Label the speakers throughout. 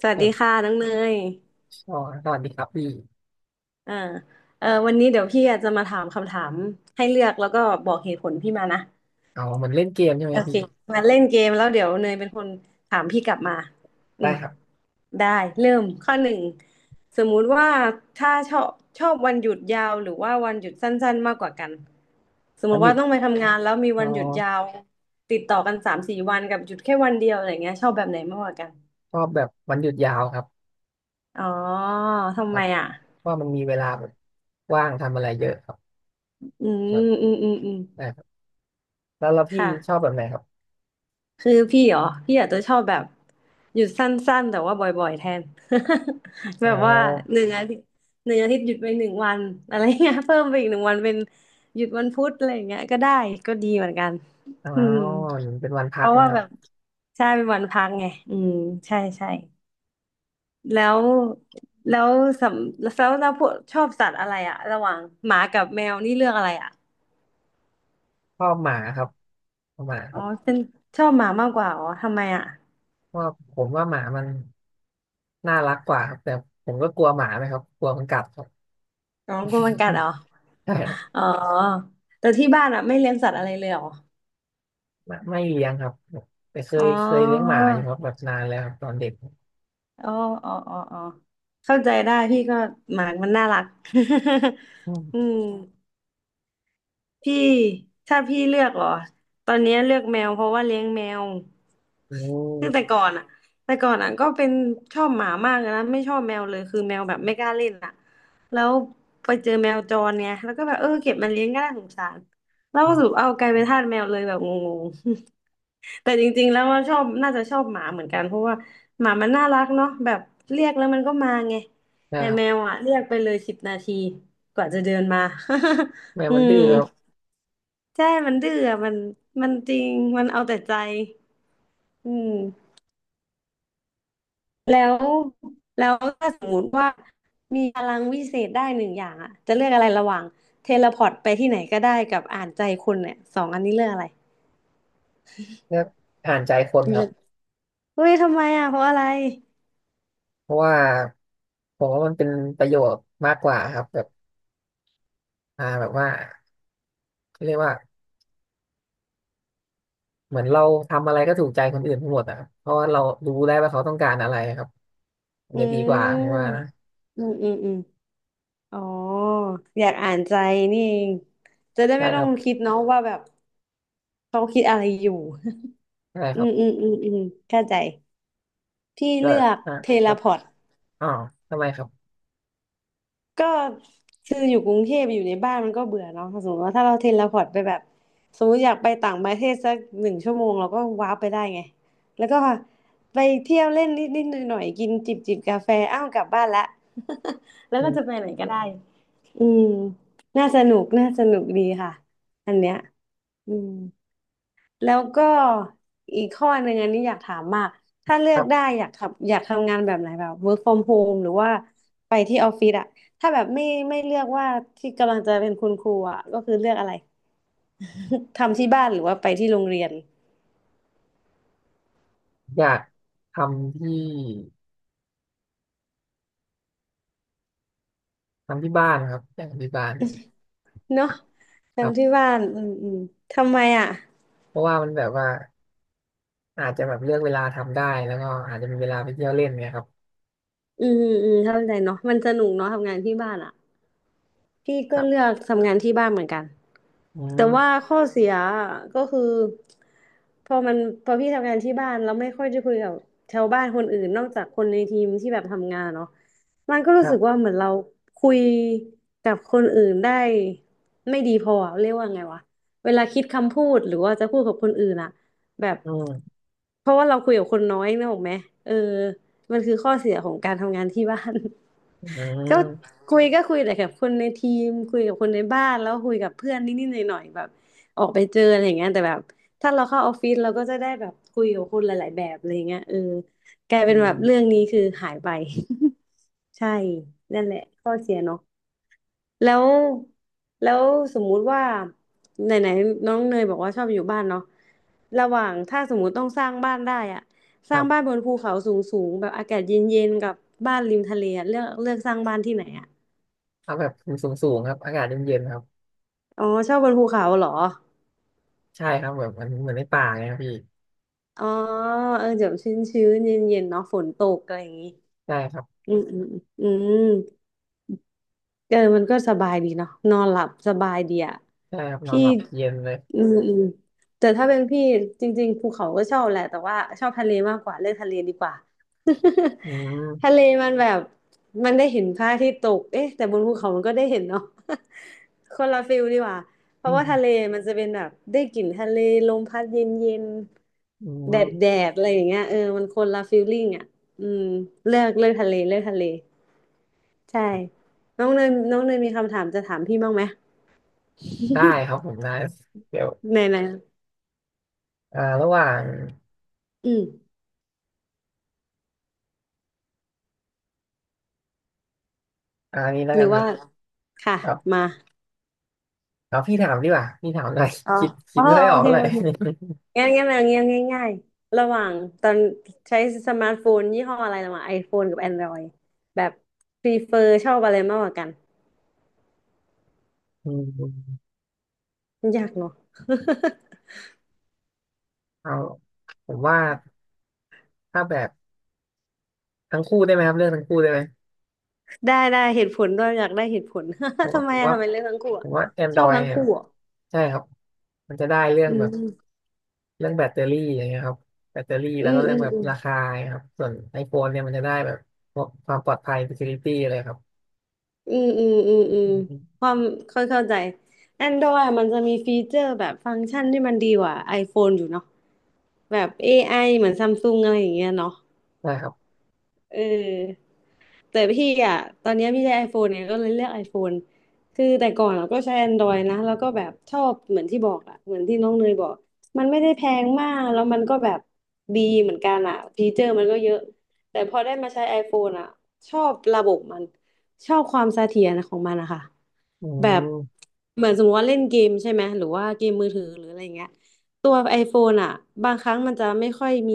Speaker 1: สวัส
Speaker 2: คร
Speaker 1: ดี
Speaker 2: บ
Speaker 1: ค่ะน้องเนย
Speaker 2: อ๋อสวัสดีครับพี่
Speaker 1: อ่าเออวันนี้เดี๋ยวพี่อาจจะมาถามคำถามให้เลือกแล้วก็บอกเหตุผลพี่มานะ
Speaker 2: อ๋อเหมือนเล่นเกมใช่ไหม
Speaker 1: โอเค
Speaker 2: พี่
Speaker 1: มาเล่นเกมแล้วเดี๋ยวเนยเป็นคนถามพี่กลับมาอื
Speaker 2: ได้
Speaker 1: ม
Speaker 2: ครับ
Speaker 1: ได้เริ่มข้อหนึ่งสมมุติว่าถ้าชอบวันหยุดยาวหรือว่าวันหยุดสั้นๆมากกว่ากัน สม
Speaker 2: วั
Speaker 1: มุ
Speaker 2: น
Speaker 1: ติ
Speaker 2: หยุ
Speaker 1: ว่า
Speaker 2: ด
Speaker 1: ต้องไปทำงานแล้วมี
Speaker 2: อ๋
Speaker 1: วันหยุดยา
Speaker 2: อ
Speaker 1: วติดต่อกัน3-4 วันกับหยุดแค่วันเดียวอะไรเงี้ยชอบแบบไหนมากกว่ากัน
Speaker 2: ชอบแบบวันหยุดยาวครับ
Speaker 1: อ๋อทำ
Speaker 2: ครั
Speaker 1: ไม
Speaker 2: บ
Speaker 1: อ่ะ
Speaker 2: เพราะมันมีเวลาแบบว่างทำอะไรเยอะครับ
Speaker 1: อื
Speaker 2: แบบ
Speaker 1: มอืมอืมอืม
Speaker 2: ได้ครับแล้วพี่
Speaker 1: ค่ะ
Speaker 2: ชอบแบบไหนครับ
Speaker 1: คือพี่เหรอพี่อาจจะชอบแบบหยุดสั้นๆแต่ว่าบ่อยๆแทน แบ
Speaker 2: อ๋อ
Speaker 1: บว่าหนึ่งอาทิตย์หนึ่งอาทิตย์หยุดไปหนึ่งวันอะไรเงี้ย เพิ่มไปอีกหนึ่งวันเป็นหยุดวันพุธอะไรเงี้ยก็ได้ก็ดีเหมือนกัน
Speaker 2: อ๋อ
Speaker 1: อืม
Speaker 2: เป็นวันพั
Speaker 1: เพ
Speaker 2: ก
Speaker 1: ราะ
Speaker 2: นะ
Speaker 1: ว่า
Speaker 2: ครั
Speaker 1: แบ
Speaker 2: บ
Speaker 1: บใช่เป็นวันพักไงอืมใช่ใช่แล้วแล้วสำแล้วเราพวกชอบสัตว์อะไรอะระหว่างหมากับแมวนี่เลือกอะไรอะ
Speaker 2: ชอบหมาครับชอบหมาค
Speaker 1: อ๋อ
Speaker 2: รับ
Speaker 1: เป็นชอบหมามากกว่าอ๋อทำไมอะ
Speaker 2: เพราะว่าผมว่าหมามันน่ารักกว่าครับแต่ผมก็กลัวหมาไหมครับกลัวมันกัดครับ
Speaker 1: น้องกลัวมันกัดเหรอ
Speaker 2: ใช่ครับ
Speaker 1: อ๋อ แต่ที่บ้านอ่ะไม่เลี้ยงสัตว์อะไรเลยเหรอ
Speaker 2: ไม่เลี้ยงครับแต่เค
Speaker 1: อ๋
Speaker 2: ยเคยเลี้ยงห
Speaker 1: อ
Speaker 2: มาอยู่ครับแบบนานแล้วครับตอนเด็ก
Speaker 1: อ๋อ อ๋อ อ๋อ อ๋อ เข้าใจได้พี่ก็หมามันน่ารัก
Speaker 2: อื
Speaker 1: อื
Speaker 2: ม
Speaker 1: ม พี่ถ้าพี่เลือกเหรอตอนนี้เลือกแมวเพราะว่าเลี้ยงแมว
Speaker 2: โอ้
Speaker 1: คือแต่ก่อนอะแต่ก่อนอะก็เป็นชอบหมามากเลยนะไม่ชอบแมวเลยคือแมวแบบไม่กล้าเล่นอ่ะแล้วไปเจอแมวจรเนี่ยแล้วก็แบบเออเก็บมาเลี้ยงก็น่าสงสารแล้วก็สรุปเอา
Speaker 2: น
Speaker 1: กลายเป็นทาสแมวเลยแบบงงๆ แต่จริงๆแล้วว่าชอบน่าจะชอบหมาเหมือนกันเพราะว่าหมามันน่ารักเนาะแบบเรียกแล้วมันก็มาไง
Speaker 2: ะ
Speaker 1: แต่
Speaker 2: ครั
Speaker 1: แมว
Speaker 2: บ
Speaker 1: อะเรียกไปเลย10 นาทีกว่าจะเดินมา
Speaker 2: แม ว
Speaker 1: อื
Speaker 2: มันดื้
Speaker 1: ม
Speaker 2: อครับ
Speaker 1: ใช่มันดื้ออะมันจริง มันเอาแต่ใจอืมแล้วแล้วถ้าสมมติว่ามีพลังวิเศษได้หนึ่งอย่างอะจะเลือกอะไรระหว่างเทเลพอร์ตไปที่ไหนก็ได้กับอ่านใจคนเนี่ยสองอันนี้เลือกอะไร
Speaker 2: เลือก่านใจคนค
Speaker 1: เลื
Speaker 2: รั
Speaker 1: อ
Speaker 2: บ
Speaker 1: กเฮ้ยทำไมอะเพราะอะไร
Speaker 2: เพราะว่าผมว่ามันเป็นประโยชน์มากกว่าครับแบบแบบว่าเขาเรียกว่าเหมือนเราทำอะไรก็ถูกใจคนอื่นไปหมดอ่ะัเพราะว่าเรารู้ได้ว่าเขาต้องการอะไรครับมัน
Speaker 1: อื
Speaker 2: จะดีกว่าผม
Speaker 1: ม
Speaker 2: ว่านะ
Speaker 1: อืมอืมอืมอ๋ออยากอ่านใจนี่เองจะได้
Speaker 2: ใช่
Speaker 1: ไม่
Speaker 2: ค
Speaker 1: ต้อ
Speaker 2: รั
Speaker 1: ง
Speaker 2: บ
Speaker 1: คิดเนาะว่าแบบเขาคิดอะไรอยู่
Speaker 2: ใช่ ค
Speaker 1: อื
Speaker 2: รับ
Speaker 1: มอืมอืมอืมเข้าใจพี่
Speaker 2: ก็
Speaker 1: เลือก
Speaker 2: อ่า
Speaker 1: เท
Speaker 2: ค
Speaker 1: เล
Speaker 2: รับ
Speaker 1: พอร์ต
Speaker 2: อ๋อทำไมครับ
Speaker 1: ก็คืออยู่กรุงเทพอยู่ในบ้านมันก็เบื่อเนาะถ้าสมมติว่าถ้าเราเทเลพอร์ตไปแบบสมมติอยากไปต่างประเทศสักหนึ่งชั่วโมงเราก็ว้าร์ปไปได้ไงแล้วก็ไปเที่ยวเล่นนิดนิดหน่อยหน่อยๆกินจิบจิบกาแฟอ้าวกลับบ้านละ แล้ว
Speaker 2: อื
Speaker 1: ก็จะ
Speaker 2: ม
Speaker 1: ไปไหนก็ได้อืมน่าสนุกน่าสนุกดีค่ะอันเนี้ยอืม แล้วก็อีกข้อหนึ่งอันนี้อยากถามมากถ้าเลื
Speaker 2: ค
Speaker 1: อก
Speaker 2: รั
Speaker 1: ได้
Speaker 2: บ
Speaker 1: อยากทำงานแบบไหนแบบ work from home หรือว่าไปที่ออฟฟิศอะถ้าแบบไม่เลือกว่าที่กำลังจะเป็นคุณครูอะก็คือเลือกอะไรทำที่บ้านหรือว่าไปที่โรงเรียน
Speaker 2: อยากทำที่ทำที่บ้านครับอยากทำที่บ้าน
Speaker 1: เนาะ
Speaker 2: ครั
Speaker 1: ทำที่
Speaker 2: บ
Speaker 1: บ้านอืมอืมทำไมอะ
Speaker 2: เพราะว่ามันแบบว่าอาจจะแบบเลือกเวลาทำได้แล้วก็อาจจะมีเวลาไปเที่ยวเล่นเนี่ยครับ
Speaker 1: อืมอืมมเข้าใจเนาะมันสนุกเนาะทำงานที่บ้านอะ พี่
Speaker 2: ค
Speaker 1: ก็
Speaker 2: รับ
Speaker 1: เลือกทำงานที่บ้านเหมือนกัน
Speaker 2: อื
Speaker 1: แต่ว่า
Speaker 2: ม
Speaker 1: ข้อเสียก็คือพอมันพอพี่ทำงานที่บ้านแล้วไม่ค่อยจะคุยกับชาวบ้านคนอื่นนอกจากคนในทีมที่แบบทำงานเนาะมันก็
Speaker 2: ค
Speaker 1: รู้สึกว่า
Speaker 2: รับ
Speaker 1: เหมือนเราคุยกับคนอื่นได้ไม่ดีพออะเรียกว่าไงวะ เวลาคิดคำพูดหรือว่าจะพูดกับคนอื่นอะแบบ
Speaker 2: อืม
Speaker 1: เพราะว่าเราคุยกับคนน้อยนึกออกไหมเออ มันคือข้อเสียของการทำงานที่บ้าน
Speaker 2: อื
Speaker 1: ก็
Speaker 2: ม
Speaker 1: คุยก็คุยแต่กับคนในทีมคุยกับคนในบ้านแล้วคุยกับเพื่อนนิดๆหน่อยๆแบบออกไปเจออะไรอย่างเงี้ยแต่แบบถ้าเราเข้าออฟฟิศเราก็จะได้แบบคุยกับคนหลายๆแบบอะไรอย่างเงี้ยเออกลาย
Speaker 2: อื
Speaker 1: เป็นแบบ
Speaker 2: ม
Speaker 1: เรื่องนี้คือหายไป ใช่นั่นแหละข้อเสียเนาะ แล้วแล้วสมมุติว่าไหนไหนน้องเนยบอกว่าชอบอยู่บ้านเนาะระหว่างถ้าสมมุติต้องสร้างบ้านได้อะส
Speaker 2: ค
Speaker 1: ร้า
Speaker 2: รั
Speaker 1: งบ้าน
Speaker 2: บ
Speaker 1: บนภูเขาสูงสูงแบบอากาศเย็นเย็นกับบ้านริมทะเลอะเลือกเลือกสร้างบ้านที่ไหนอะ
Speaker 2: เอาแบบสูงสูงครับอากาศเย็นเย็นครับ
Speaker 1: อ๋อชอบบนภูเขาเหรอ
Speaker 2: ใช่ครับแบบมันเหมือนในป่าไงครับพี่
Speaker 1: อ๋อเออเดี๋ยวชื้นชื้นเย็นเย็นๆเนาะฝนตกอะไรอย่างงี้
Speaker 2: ใช่ครับ
Speaker 1: อืมอืมอืม เออมันก็สบายดีเนาะนอนหลับสบายดีอ่ะ
Speaker 2: ใช่ครับนอน
Speaker 1: พี่
Speaker 2: หลับเย็นเลย
Speaker 1: อืมอืมแต่ถ้าเป็นพี่จริงๆภูเขาก็ชอบแหละแต่ว่าชอบทะเลมากกว่าเลือกทะเลดีกว่า
Speaker 2: อื
Speaker 1: ทะเล
Speaker 2: ม
Speaker 1: มันแบบมันได้เห็นพระอาทิตย์ตกเอ๊ะแต่บนภูเขามันก็ได้เห็นเนาะ คนละฟิลดีกว่าเพ
Speaker 2: อื
Speaker 1: ราะว่าทะ
Speaker 2: ม
Speaker 1: เลมันจะเป็นแบบได้กลิ่นทะเลลมพัดเย็นๆยน
Speaker 2: อื
Speaker 1: แดดแด
Speaker 2: ม
Speaker 1: ดอะไรอย่างเงี้ยเออมันคนละฟิลลิ่งอ่ะอืมเลือกเลือกทะเลเลือกทะเล ใช่ น้องเนยน้องเนยมีคำถามจะถามพี่บ้างไหม
Speaker 2: ได้ครับ ผมได้เดี๋ยว
Speaker 1: ไหนไหน
Speaker 2: ระหว่าง
Speaker 1: อืม
Speaker 2: นี้แล้ว
Speaker 1: ห
Speaker 2: กั
Speaker 1: รื
Speaker 2: น
Speaker 1: อ
Speaker 2: ครั
Speaker 1: ว่า
Speaker 2: บ
Speaker 1: ค่ะ
Speaker 2: ครับ
Speaker 1: มา
Speaker 2: เอาพี่ถามดีกว่าพี่ถามหน่อย
Speaker 1: อ๋อ
Speaker 2: คิดคิ
Speaker 1: อ๋
Speaker 2: ด
Speaker 1: อ
Speaker 2: ไม่ค่อย
Speaker 1: โอ
Speaker 2: ออก
Speaker 1: เค
Speaker 2: เล
Speaker 1: โอ
Speaker 2: ย
Speaker 1: เคงั้นงั้นเอางี้ง่ายง่ายๆระหว่างตอนใช้สมาร์ทโฟนยี่ห้ออะไรระหว่าง iPhone กับ Android แบบพรีเฟอร์ชอบอะไรมากกว่ากัน
Speaker 2: อืม
Speaker 1: ยากเนาะ
Speaker 2: เอาผมว่าถ้าแบบทั้งคู่ได้ไหมครับเรื่องทั้งคู่ได้ไหม
Speaker 1: ได้ได้เหตุผลด้วยอยากได้เหตุผล
Speaker 2: ผม ว่า
Speaker 1: ทำไม
Speaker 2: ผม
Speaker 1: อะ
Speaker 2: ว่า
Speaker 1: ทำไมเลือกทั้งคู่
Speaker 2: ผ
Speaker 1: อะ
Speaker 2: มว่า
Speaker 1: ชอบ
Speaker 2: Android
Speaker 1: ทั้ง
Speaker 2: เนี่ย
Speaker 1: คู่อะ
Speaker 2: ใช่ครับมันจะได้เรื่อง
Speaker 1: อื
Speaker 2: แบบ
Speaker 1: ม
Speaker 2: เรื่องแบตเตอรี่อย่างเงี้ยครับแบตเตอรี่
Speaker 1: อื
Speaker 2: แล้วก็
Speaker 1: ม
Speaker 2: เรื่
Speaker 1: อื
Speaker 2: อง
Speaker 1: ม
Speaker 2: แบบ
Speaker 1: อืม
Speaker 2: ราคาครับส่วน iPhone เนี่ยมันจะได้แบบพวกความปลอดภัย security เลยครับ
Speaker 1: อืมอืมอืมอืม
Speaker 2: อืม
Speaker 1: ความเ่้าเข้าใจ Android มันจะมีฟีเจอร์แบบฟังก์ชันที่มันดีกว่า iPhone อยู่เนาะแบบ AI เหมือนซัมซุงอะไรอย่างเงี้ยเนาะ
Speaker 2: ใช่ครับ
Speaker 1: เออแต่พี่อ่ะตอนเนี้ยพี่ใช้ iPhone เนี่ยก็เลยเลือก iPhone คือแต่ก่อนเราก็ใช้ Android นะแล้วก็แบบชอบเหมือนที่บอกอ่ะเหมือนที่น้องเนยบอกมันไม่ได้แพงมากแล้วมันก็แบบดีเหมือนกันอ่ะฟีเจอร์มันก็เยอะแต่พอได้มาใช้ iPhone อ่ะชอบระบบมันชอบความเสถียรของมันนะคะ
Speaker 2: อื
Speaker 1: แบบ
Speaker 2: ม
Speaker 1: เหมือนสมมติว่าเล่นเกมใช่ไหมหรือว่าเกมมือถือหรืออะไรเงี้ย ตัว iPhone อ่ะบางครั้งมันจะไม่ค่อยมี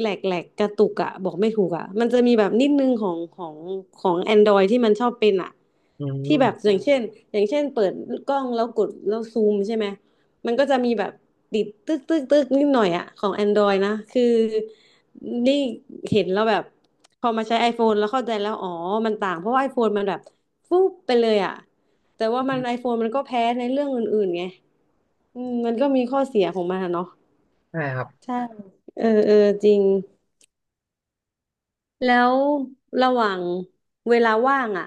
Speaker 1: แหลกแหลกกระตุกอ่ะบอกไม่ถูกอ่ะมันจะมีแบบนิดนึงของของ Android ที่มันชอบเป็นอ่ะ
Speaker 2: อื
Speaker 1: ที่แบบ
Speaker 2: ม
Speaker 1: อย่างเช่นอย่างเช่นเปิดกล้องแล้วกดแล้วซูมใช่ไหมมันก็จะมีแบบติดตึกตึกตึกนิดหน่อยอ่ะของ Android นะคือนี่เห็นแล้วแบบพอมาใช้ iPhone แล้วเข้าใจแล้วอ๋อมันต่างเพราะว่า iPhone มันแบบฟุ๊บไปเลยอ่ะแต่ว่ามัน iPhone มันก็แพ้ในเรื่องอื่นๆไง อืมมันก็มีข้อเสียของมันอะเนาะ
Speaker 2: ใช่ครับ
Speaker 1: ใช่เออเออจริงแล้วระหว่างเวลาว่างอ่ะ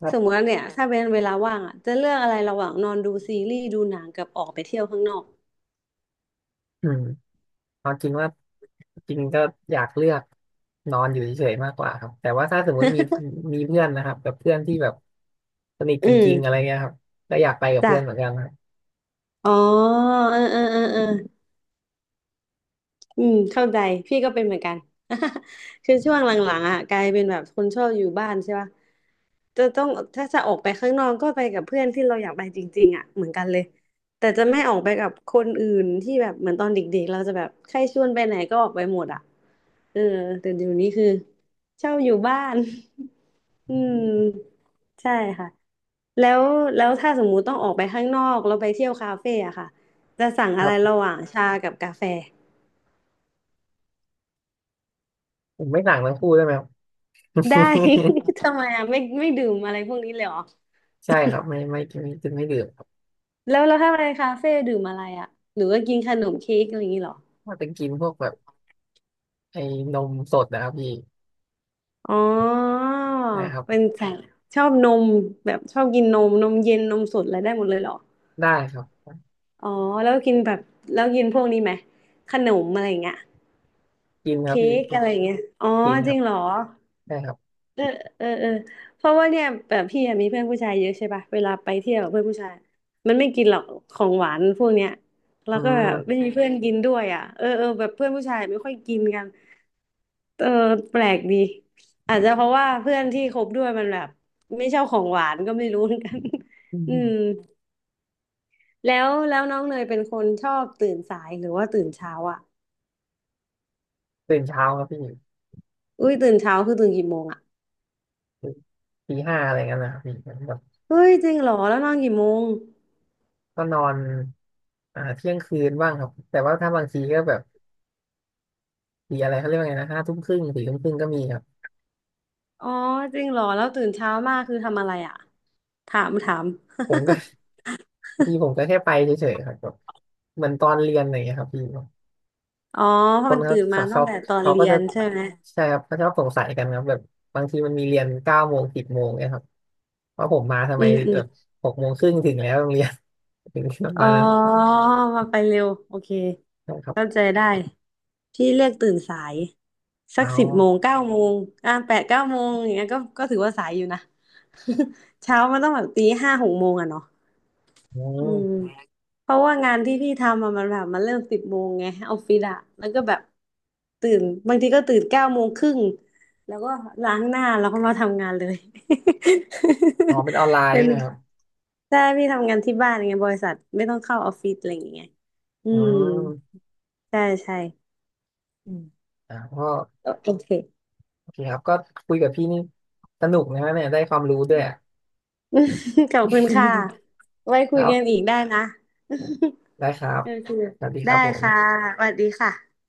Speaker 2: ครั
Speaker 1: สมม
Speaker 2: บ
Speaker 1: ติว่าเนี่ยถ้าเป็นเวลาว่างอ่ะจะเลือกอะไรระหว่างนอนดูซีรีส์ดูหนังกับออกไปเที่ยวข้างนอก
Speaker 2: อืมเอาจริงว่าจริงก็อยากเลือกนอนอยู่เฉยๆมากกว่าครับแต่ว่าถ้าสมมติมีเพื่อนนะครับแบบเพื่อนที่แบบสนิท
Speaker 1: อื
Speaker 2: จ
Speaker 1: ม
Speaker 2: ริงๆอะไรเงี้ยครับก็อยากไปกับเพื่
Speaker 1: จ้ะ
Speaker 2: อนเหมือนกันค
Speaker 1: อ๋อเออเออเออเออ อืมเข้าใจพี่ก็เป็นเหมือนกัน คือช่วงหลังๆอ่ะกลายเป็นแบบคนชอบอยู่บ้านใช่ป่ะจะต้องถ้าจะออกไปข้างนอกก็ไปกับเพื่อนที่เราอยากไปจริงๆอ่ะเหมือนกันเลยแต่จะไม่ออกไปกับคนอื่นที่แบบเหมือนตอนเด็กๆเราจะแบบใครชวนไปไหนก็ออกไปหมดอ่ะเออแต่เดี๋ยวนี้คือเช่าอยู่บ้าน อืมใช่ค่ะแล้วแล้วถ้าสมมุติต้องออกไปข้างนอกเราไปเที่ยวคาเฟ่อะค่ะจะสั่งอะไร
Speaker 2: รับ
Speaker 1: ระหว่างชากับกาแฟ
Speaker 2: ผมไม่สั่งทั้งคู่ได้ไหมครับ
Speaker 1: ได้ ทำไมอ่ะไม่ไม่ดื่มอะไรพวกนี้เลยเหรอ
Speaker 2: ใช่ครับไม่ดื่มครับ
Speaker 1: แล้วแล้วถ้าไปคาเฟ่ดื่มอะไรอ่ะหรือว่ากินขนมเค้กอะไรอย่างนี้เหรอ
Speaker 2: ว่าจะกินพวกแบบไอ้นมสดนะครับพี่
Speaker 1: อ๋อ
Speaker 2: ใช่ครับ
Speaker 1: เป็นสายชอบนมแบบชอบกินนมนมเย็นนมสดอะไรได้หมดเลยเหรอ
Speaker 2: ได้ครับ
Speaker 1: อ๋อแล้วกินแบบแล้วกินพวกนี้ไหมขนมอะไรอย่างเงี้ย
Speaker 2: กินครับ
Speaker 1: เค้
Speaker 2: พี่
Speaker 1: กอะไรอย่างเงี้ยอ๋อ
Speaker 2: กินค
Speaker 1: จ
Speaker 2: รั
Speaker 1: ริ
Speaker 2: บ
Speaker 1: งเหรอ
Speaker 2: ได้ครับ
Speaker 1: เออเออเออเพราะว่าเนี่ยแบบพี่อะมีเพื่อนผู้ชายเยอะใช่ป่ะเวลาไปเที่ยวกับเพื่อนผู้ชายมันไม่กินหรอกของหวานพวกเนี้ยแล้
Speaker 2: อื
Speaker 1: วก็แบบไม่
Speaker 2: ม
Speaker 1: มีเพื่อนกินด้วยอ่ะเออเออแบบเพื่อนผู้ชายไม่ค่อยกินกันเออแปลกดีอาจจะเพราะว่าเพื่อนที่คบด้วยมันแบบไม่ชอบของหวานก็ไม่รู้เหมือนกัน
Speaker 2: อื
Speaker 1: อืม
Speaker 2: ม
Speaker 1: แล้วแล้วน้องเนยเป็นคนชอบตื่นสายหรือว่าตื่นเช้าอ่ะ
Speaker 2: ตื่นเช้าครับพี่
Speaker 1: อุ้ยตื่นเช้าคือตื่นกี่โมงอ่ะ
Speaker 2: ตื่นตี 5อะไรเงี้ยนะครับพี่เหมือนแบบ
Speaker 1: เฮ้ยจริงเหรอแล้วนอนกี่โมง
Speaker 2: ก็นอนเที่ยงคืนบ้างครับแต่ว่าถ้าบางทีก็แบบตีอะไรเขาเรียกว่าไงนะ5 ทุ่มครึ่ง4 ทุ่มครึ่งก็มีครับ
Speaker 1: อ๋อจริงเหรอแล้วตื่นเช้ามากคือทำอะไรอ่ะ ถามถาม
Speaker 2: ผมก็ บางทีผมก็แค่ไปเฉยๆครับแบบเหมือนตอนเรียนอะไรเงี้ยครับพี่
Speaker 1: อ๋อเพ
Speaker 2: ค
Speaker 1: ราะ
Speaker 2: น
Speaker 1: มัน
Speaker 2: า
Speaker 1: ตื่นมาตั้
Speaker 2: เขา
Speaker 1: งแต่ตอน
Speaker 2: เขาก็
Speaker 1: เรีย
Speaker 2: จะ
Speaker 1: นใช่ไหม
Speaker 2: ใช่ครับเขาชอบสงสัยกันครับแบบบางทีมันมีเรียน9 โมง10 โมงเนี่ยครับว่าผมมาทำ
Speaker 1: อื
Speaker 2: ไม
Speaker 1: มอื
Speaker 2: แบ
Speaker 1: ม
Speaker 2: บ6 โมงครึ่งถึงแล้วโรงเรียน ถึงประ
Speaker 1: อ๋อ
Speaker 2: มาณนั้น
Speaker 1: มาไปเร็วโอเค
Speaker 2: ใช่ครับ
Speaker 1: เข้าใจได้พี่เลือกตื่นสายสั
Speaker 2: เอ
Speaker 1: กสิบโมง
Speaker 2: า
Speaker 1: เก้าโมงอ่ะแปดเก้าโมงอย่างเงี้ยก็ก็ถือว่าสายอยู่นะ เช้ามันต้องแบบตีห้าหกโมงอะเนาะ
Speaker 2: อื
Speaker 1: อืม
Speaker 2: ม
Speaker 1: เพราะว่างานที่พี่ทำอะมันแบบมันเริ่มสิบโมงไงออฟฟิศอะแล้วก็แบบตื่นบางทีก็ตื่นเก้าโมงครึ่งแล้วก็ล้างหน้าแล้วก็มาทำงานเลย
Speaker 2: อ๋อเป็นออนไล น์
Speaker 1: เป็
Speaker 2: ใช่
Speaker 1: น
Speaker 2: ไหมครับ
Speaker 1: ใช่พี่ทำงานที่บ้านไงบริษัทไม่ต้องเข้าออฟฟิศอะไรอย่างเงี้ยอื
Speaker 2: อื
Speaker 1: ม
Speaker 2: ม
Speaker 1: ใช่ใช่อืม
Speaker 2: ก็
Speaker 1: โอโอเค
Speaker 2: โอเคครับก็คุยกับพี่นี่สนุกนะฮะเนี่ยได้ความรู้ด้วยอะ
Speaker 1: ขอบคุณค่ะไว้
Speaker 2: ค
Speaker 1: คุย
Speaker 2: รั
Speaker 1: กันอี
Speaker 2: บ
Speaker 1: กได้นะ
Speaker 2: ได้ครับ
Speaker 1: โอเค
Speaker 2: สวัสดีค
Speaker 1: ได้
Speaker 2: รับผ
Speaker 1: ค่ะ
Speaker 2: ม
Speaker 1: สวัสดีค่ะ